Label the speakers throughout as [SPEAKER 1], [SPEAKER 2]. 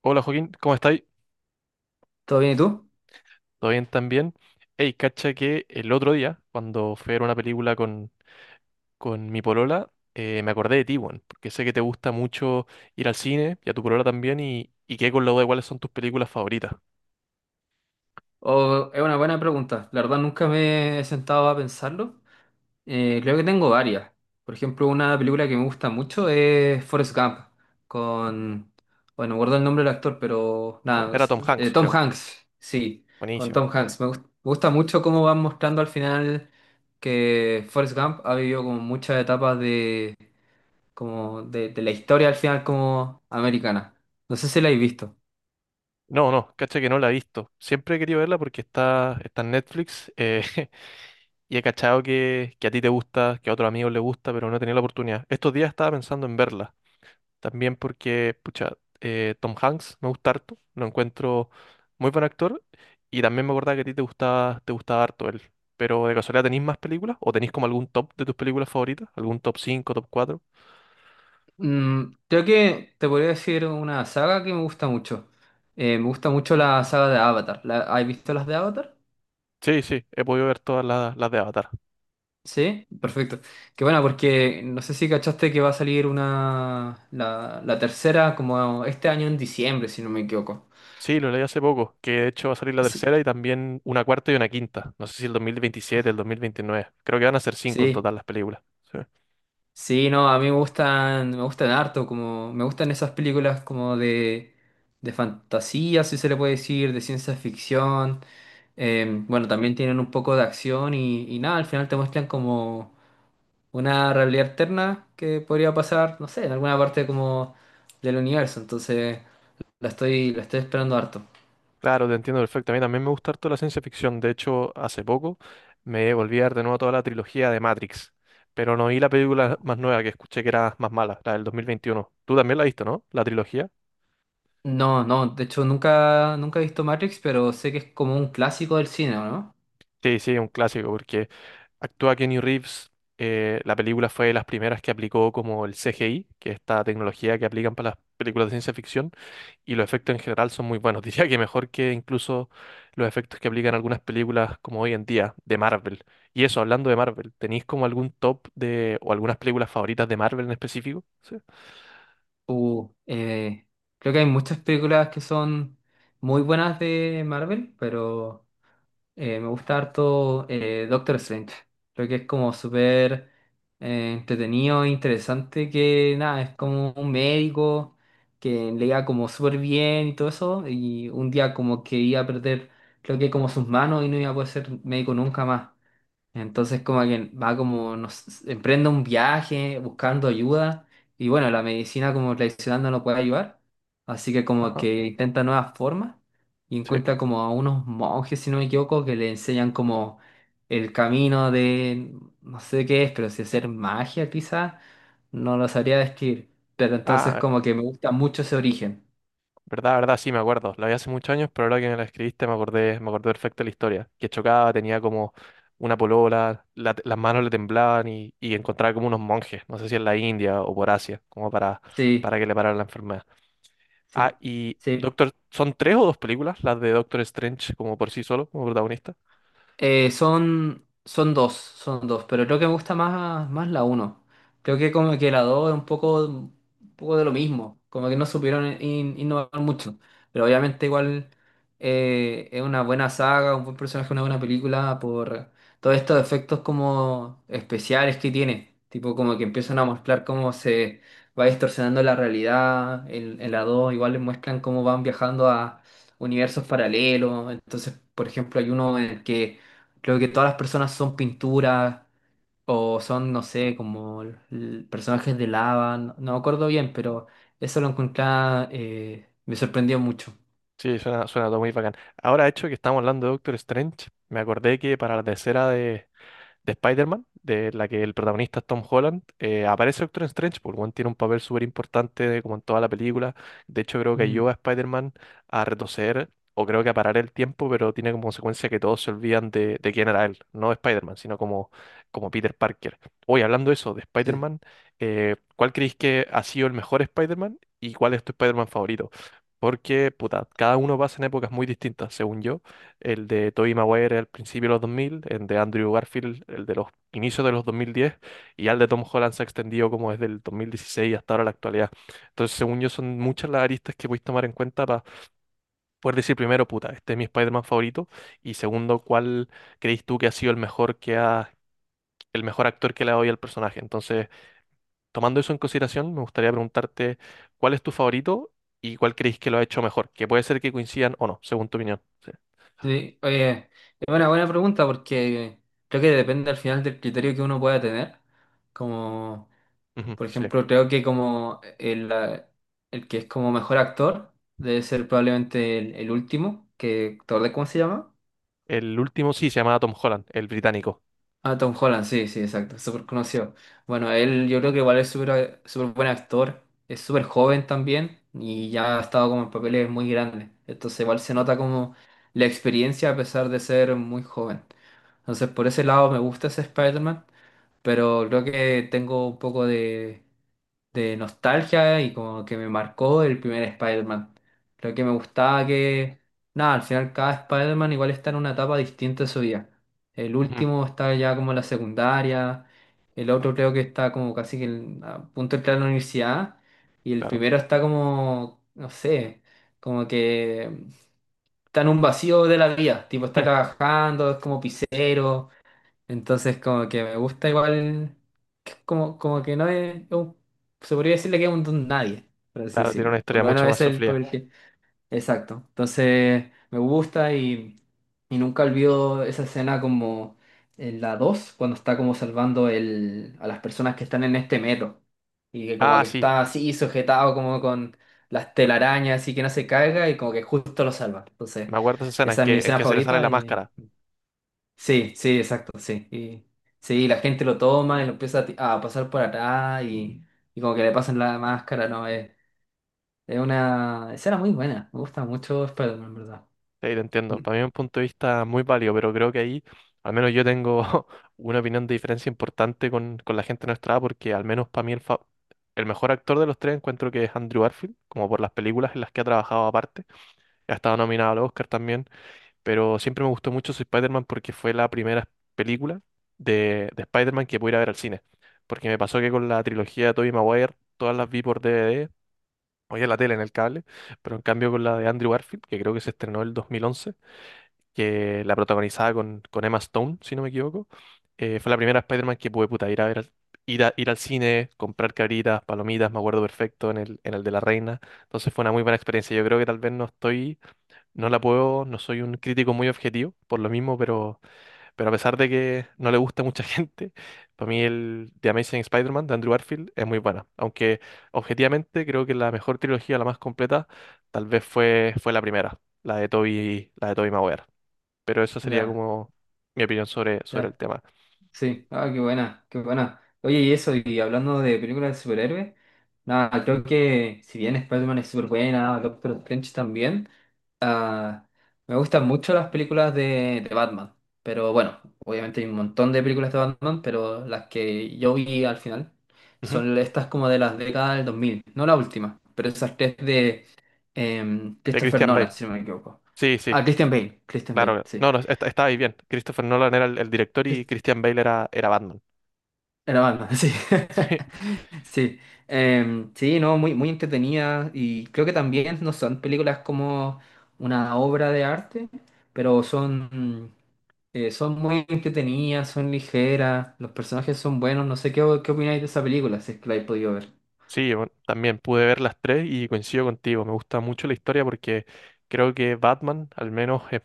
[SPEAKER 1] Hola Joaquín, ¿cómo estáis?
[SPEAKER 2] ¿Todo bien y tú?
[SPEAKER 1] ¿Todo bien también? Hey, cacha que el otro día, cuando fui a ver una película con mi polola, me acordé de ti, weón, porque sé que te gusta mucho ir al cine y a tu polola también, y quedé con la duda de cuáles son tus películas favoritas.
[SPEAKER 2] Es una buena pregunta. La verdad nunca me he sentado a pensarlo. Creo que tengo varias. Por ejemplo, una película que me gusta mucho es Forrest Gump, con... Bueno, no recuerdo el nombre del actor, pero
[SPEAKER 1] Con,
[SPEAKER 2] nada,
[SPEAKER 1] era Tom Hanks,
[SPEAKER 2] Tom
[SPEAKER 1] creo.
[SPEAKER 2] Hanks, sí, con
[SPEAKER 1] Buenísimo.
[SPEAKER 2] Tom Hanks. Me gusta mucho cómo van mostrando al final que Forrest Gump ha vivido como muchas etapas de, como de la historia al final como americana. ¿No sé si la habéis visto?
[SPEAKER 1] No, no, cacha que no la he visto. Siempre he querido verla porque está en Netflix, y he cachado que a ti te gusta, que a otros amigos les gusta, pero no he tenido la oportunidad. Estos días estaba pensando en verla. También porque, pucha, Tom Hanks me gusta harto, lo encuentro muy buen actor y también me acordaba que a ti te gustaba harto él. Pero de casualidad, ¿tenéis más películas? ¿O tenéis como algún top de tus películas favoritas? ¿Algún top cinco, top cuatro?
[SPEAKER 2] Mm, creo que te podría decir una saga que me gusta mucho. Me gusta mucho la saga de Avatar. ¿Has visto las de Avatar?
[SPEAKER 1] Sí, sí, he podido ver todas las de Avatar.
[SPEAKER 2] Sí, perfecto. Qué bueno, porque no sé si cachaste que va a salir la tercera como este año en diciembre, si no me equivoco.
[SPEAKER 1] Sí, lo leí hace poco, que de hecho va a salir la
[SPEAKER 2] Sí,
[SPEAKER 1] tercera y también una cuarta y una quinta. No sé si el dos mil veintisiete, el dos mil veintinueve. Creo que van a ser cinco en
[SPEAKER 2] sí,
[SPEAKER 1] total las películas. Sí.
[SPEAKER 2] sí, no, a mí me gustan harto, como me gustan esas películas como de fantasía, si se le puede decir, de ciencia ficción. Bueno, también tienen un poco de acción y nada, al final te muestran como una realidad alterna que podría pasar, no sé, en alguna parte como del universo. Entonces, la estoy esperando harto.
[SPEAKER 1] Claro, te entiendo perfecto. A mí también me gusta harto la ciencia ficción. De hecho, hace poco me volví a ver de nuevo toda la trilogía de Matrix, pero no vi la película más nueva que escuché que era más mala, la del 2021. Tú también la viste, ¿no? La trilogía.
[SPEAKER 2] No, no, de hecho nunca he visto Matrix, pero sé que es como un clásico del cine, ¿no?
[SPEAKER 1] Sí, sí, un clásico, porque actúa Kenny Reeves. Eh, la película fue de las primeras que aplicó como el CGI, que es esta tecnología que aplican para las películas de ciencia ficción. Y los efectos en general son muy buenos. Diría que mejor que incluso los efectos que aplican algunas películas como hoy en día de Marvel. Y eso, hablando de Marvel, ¿tenéis como algún top de o algunas películas favoritas de Marvel en específico? Sí.
[SPEAKER 2] Uh, eh, Creo que hay muchas películas que son muy buenas de Marvel, pero me gusta harto Doctor Strange. Creo que es como súper entretenido e interesante que nada, es como un médico que le leía como súper bien y todo eso. Y un día como que iba a perder, creo que como sus manos y no iba a poder ser médico nunca más. Entonces como que va como, nos emprende un viaje buscando ayuda y bueno, la medicina como tradicional no lo puede ayudar, así que como
[SPEAKER 1] Ajá.
[SPEAKER 2] que intenta nuevas formas y
[SPEAKER 1] Sí.
[SPEAKER 2] encuentra como a unos monjes, si no me equivoco, que le enseñan como el camino de, no sé qué es, pero si hacer magia quizás, no lo sabría describir, pero entonces
[SPEAKER 1] Ah,
[SPEAKER 2] como que me gusta mucho ese origen.
[SPEAKER 1] verdad, verdad, sí, me acuerdo. La vi hace muchos años, pero ahora que me la escribiste me acordé perfecto de la historia. Que chocaba, tenía como una polola, las manos le temblaban y encontraba como unos monjes, no sé si en la India o por Asia,
[SPEAKER 2] Sí,
[SPEAKER 1] para que le pararan la enfermedad.
[SPEAKER 2] sí,
[SPEAKER 1] Ah, y
[SPEAKER 2] sí.
[SPEAKER 1] Doctor, ¿son tres o dos películas las de Doctor Strange como por sí solo, como protagonista?
[SPEAKER 2] Son, son dos, pero creo que me gusta más, más la uno. Creo que como que la dos es un poco de lo mismo, como que no supieron innovar mucho, pero obviamente igual es una buena saga, un buen personaje, una buena película por todos estos efectos como especiales que tiene, tipo como que empiezan a mostrar cómo se va distorsionando la realidad, en la dos igual les muestran cómo van viajando a universos paralelos, entonces por ejemplo hay uno en el que creo que todas las personas son pinturas o son, no sé, como personajes de lava. No, no me acuerdo bien, pero eso lo encontré, me sorprendió mucho.
[SPEAKER 1] Sí, suena, suena todo muy bacán. Ahora, hecho que estamos hablando de Doctor Strange, me acordé que para la tercera de Spider-Man, de la que el protagonista es Tom Holland, aparece Doctor Strange, porque Juan tiene un papel súper importante como en toda la película. De hecho, creo que
[SPEAKER 2] Mm,
[SPEAKER 1] ayuda a Spider-Man a retroceder o creo que a parar el tiempo, pero tiene como consecuencia que todos se olvidan de quién era él, no Spider-Man, sino como, como Peter Parker. Hoy, hablando de eso, de
[SPEAKER 2] sí.
[SPEAKER 1] Spider-Man, ¿cuál creéis que ha sido el mejor Spider-Man y cuál es tu Spider-Man favorito? Porque, puta, cada uno pasa en épocas muy distintas. Según yo, el de Tobey Maguire al principio de los 2000, el de Andrew Garfield, el de los inicios de los 2010, y ya el de Tom Holland se ha extendido como desde el 2016 hasta ahora la actualidad. Entonces, según yo, son muchas las aristas que podéis tomar en cuenta para poder decir primero, puta, este es mi Spider-Man favorito, y segundo, cuál creéis tú que ha sido el mejor que ha... el mejor actor que le ha dado al personaje. Entonces, tomando eso en consideración, me gustaría preguntarte cuál es tu favorito y cuál creéis que lo ha hecho mejor, que puede ser que coincidan o no, según tu opinión. Sí.
[SPEAKER 2] Sí, oye, es una buena pregunta porque creo que depende al final del criterio que uno pueda tener. Como,
[SPEAKER 1] Ujú,
[SPEAKER 2] por
[SPEAKER 1] sí.
[SPEAKER 2] ejemplo, creo que como el que es como mejor actor debe ser probablemente el último, que, ¿te acordás cómo se llama?
[SPEAKER 1] El último sí se llamaba Tom Holland, el británico.
[SPEAKER 2] Ah, Tom Holland, sí, sí, exacto, súper conocido. Bueno, él yo creo que igual es súper súper buen actor, es súper joven también y ya ha estado como en papeles muy grandes. Entonces igual se nota como la experiencia a pesar de ser muy joven. Entonces por ese lado me gusta ese Spider-Man, pero creo que tengo un poco de nostalgia y como que me marcó el primer Spider-Man. Lo que me gustaba que, nada, al final cada Spider-Man igual está en una etapa distinta de su vida. El
[SPEAKER 1] Ujú,
[SPEAKER 2] último está ya como en la secundaria, el otro creo que está como casi que a punto de entrar a la universidad y el
[SPEAKER 1] claro.
[SPEAKER 2] primero está como, no sé, como que está en un vacío de la vida, tipo está
[SPEAKER 1] Ujú,
[SPEAKER 2] trabajando, es como pisero. Entonces como que me gusta igual, que como, como que no es, se podría decirle que es un don nadie, por así
[SPEAKER 1] claro, tiene una
[SPEAKER 2] decirlo. Por
[SPEAKER 1] historia
[SPEAKER 2] lo
[SPEAKER 1] mucho
[SPEAKER 2] menos
[SPEAKER 1] más
[SPEAKER 2] ese es el
[SPEAKER 1] sufrida.
[SPEAKER 2] papel que... Exacto. Entonces me gusta y nunca olvido esa escena como en la 2 cuando está como salvando a las personas que están en este metro. Y que como
[SPEAKER 1] Ah,
[SPEAKER 2] que
[SPEAKER 1] sí.
[SPEAKER 2] está así sujetado como con las telarañas, así que no se caiga y como que justo lo salva. Entonces
[SPEAKER 1] Me acuerdo de esa escena
[SPEAKER 2] esa es mi
[SPEAKER 1] en
[SPEAKER 2] escena
[SPEAKER 1] que se le sale
[SPEAKER 2] favorita
[SPEAKER 1] la
[SPEAKER 2] y
[SPEAKER 1] máscara.
[SPEAKER 2] sí, sí, exacto, sí. Y, sí, la gente lo toma y lo empieza a pasar por atrás y como que le pasan la máscara, ¿no? Es una escena muy buena. Me gusta mucho Spider-Man, en verdad.
[SPEAKER 1] Sí, te entiendo.
[SPEAKER 2] Mm,
[SPEAKER 1] Para mí es un punto de vista muy válido, pero creo que ahí, al menos yo tengo una opinión de diferencia importante con la gente de nuestra edad, porque al menos para mí el mejor actor de los tres encuentro que es Andrew Garfield, como por las películas en las que ha trabajado aparte. Ha estado nominado al Oscar también. Pero siempre me gustó mucho su Spider-Man porque fue la primera película de Spider-Man que pude ir a ver al cine. Porque me pasó que con la trilogía de Tobey Maguire, todas las vi por DVD, o ya en la tele, en el cable, pero en cambio con la de Andrew Garfield, que creo que se estrenó el 2011, que la protagonizaba con Emma Stone, si no me equivoco, fue la primera Spider-Man que pude, puta, ir a ver al, ir al cine, comprar cabritas, palomitas, me acuerdo perfecto, en el de la reina. Entonces fue una muy buena experiencia. Yo creo que tal vez no estoy no la puedo, no soy un crítico muy objetivo, por lo mismo, pero a pesar de que no le gusta a mucha gente, para mí el The Amazing Spider-Man de Andrew Garfield es muy buena. Aunque objetivamente creo que la mejor trilogía, la más completa, tal vez fue la primera, la de Tobey Maguire. Pero eso sería
[SPEAKER 2] ya,
[SPEAKER 1] como mi opinión sobre el
[SPEAKER 2] ya.
[SPEAKER 1] tema.
[SPEAKER 2] Sí. Ah, qué buena, qué buena. Oye, y eso, y hablando de películas de superhéroes, nada, creo que si bien Spider-Man es súper buena, Doctor Strange también. Me gustan mucho las películas de Batman, pero bueno, obviamente hay un montón de películas de Batman, pero las que yo vi al final
[SPEAKER 1] Ujú.
[SPEAKER 2] son estas como de las décadas del 2000, no la última, pero esas tres de
[SPEAKER 1] De
[SPEAKER 2] Christopher
[SPEAKER 1] Christian
[SPEAKER 2] Nolan,
[SPEAKER 1] Bale.
[SPEAKER 2] si no me equivoco.
[SPEAKER 1] Sí, sí,
[SPEAKER 2] Ah, Christian Bale, Christian Bale,
[SPEAKER 1] claro. No,
[SPEAKER 2] sí.
[SPEAKER 1] no, estaba ahí bien. Christopher Nolan era el director y
[SPEAKER 2] Chris-
[SPEAKER 1] Christian Bale era, era Batman.
[SPEAKER 2] Era Batman, sí. Sí, sí, no, muy, muy entretenida y creo que también no son películas como una obra de arte, pero son... Son muy entretenidas, son ligeras, los personajes son buenos. No sé qué, qué opináis de esa película, si es que la habéis podido ver.
[SPEAKER 1] Sí, bueno, también pude ver las tres y coincido contigo. Me gusta mucho la historia porque creo que Batman, al menos, es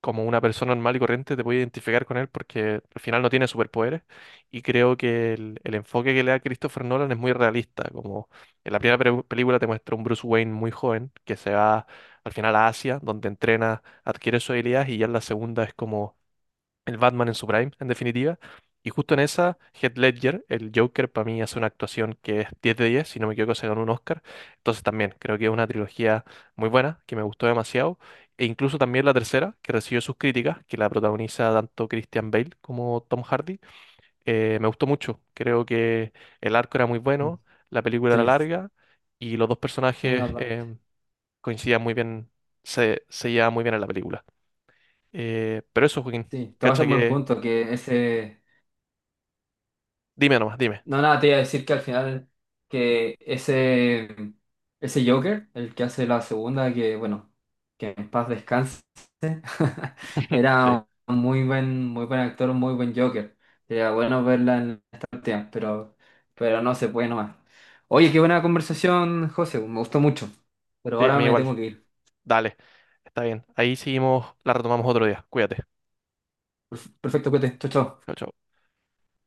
[SPEAKER 1] como una persona normal y corriente, te puede identificar con él porque al final no tiene superpoderes. Y creo que el enfoque que le da Christopher Nolan es muy realista. Como en la primera película te muestra un Bruce Wayne muy joven que se va al final a Asia, donde entrena, adquiere sus habilidades, y ya en la segunda es como el Batman en su prime, en definitiva. Y justo en esa, Heath Ledger, el Joker, para mí hace una actuación que es 10 de 10, si no me equivoco, se ganó un Oscar. Entonces también creo que es una trilogía muy buena, que me gustó demasiado. E incluso también la tercera, que recibió sus críticas, que la protagoniza tanto Christian Bale como Tom Hardy, me gustó mucho. Creo que el arco era muy
[SPEAKER 2] Mm,
[SPEAKER 1] bueno, la película era
[SPEAKER 2] sí.
[SPEAKER 1] larga y los dos
[SPEAKER 2] Sí,
[SPEAKER 1] personajes,
[SPEAKER 2] totalmente.
[SPEAKER 1] coincidían muy bien, se llevaban muy bien en la película. Pero eso, Joaquín,
[SPEAKER 2] Sí, tomas
[SPEAKER 1] cacha
[SPEAKER 2] un buen
[SPEAKER 1] que...
[SPEAKER 2] punto, que ese.
[SPEAKER 1] Dime nomás, dime.
[SPEAKER 2] No, nada, te iba a decir que al final que ese Joker, el que hace la segunda, que bueno, que en paz descanse,
[SPEAKER 1] Sí,
[SPEAKER 2] era un muy buen actor, un muy buen Joker. Sería bueno verla en esta última, pero no se puede nomás. Oye, qué buena conversación, José, me gustó mucho, pero
[SPEAKER 1] sí, a
[SPEAKER 2] ahora
[SPEAKER 1] mí
[SPEAKER 2] me
[SPEAKER 1] igual.
[SPEAKER 2] tengo que ir.
[SPEAKER 1] Dale, está bien. Ahí seguimos, la retomamos otro día. Cuídate.
[SPEAKER 2] Perfecto, cuídate, chao, chao.
[SPEAKER 1] Chau, chau.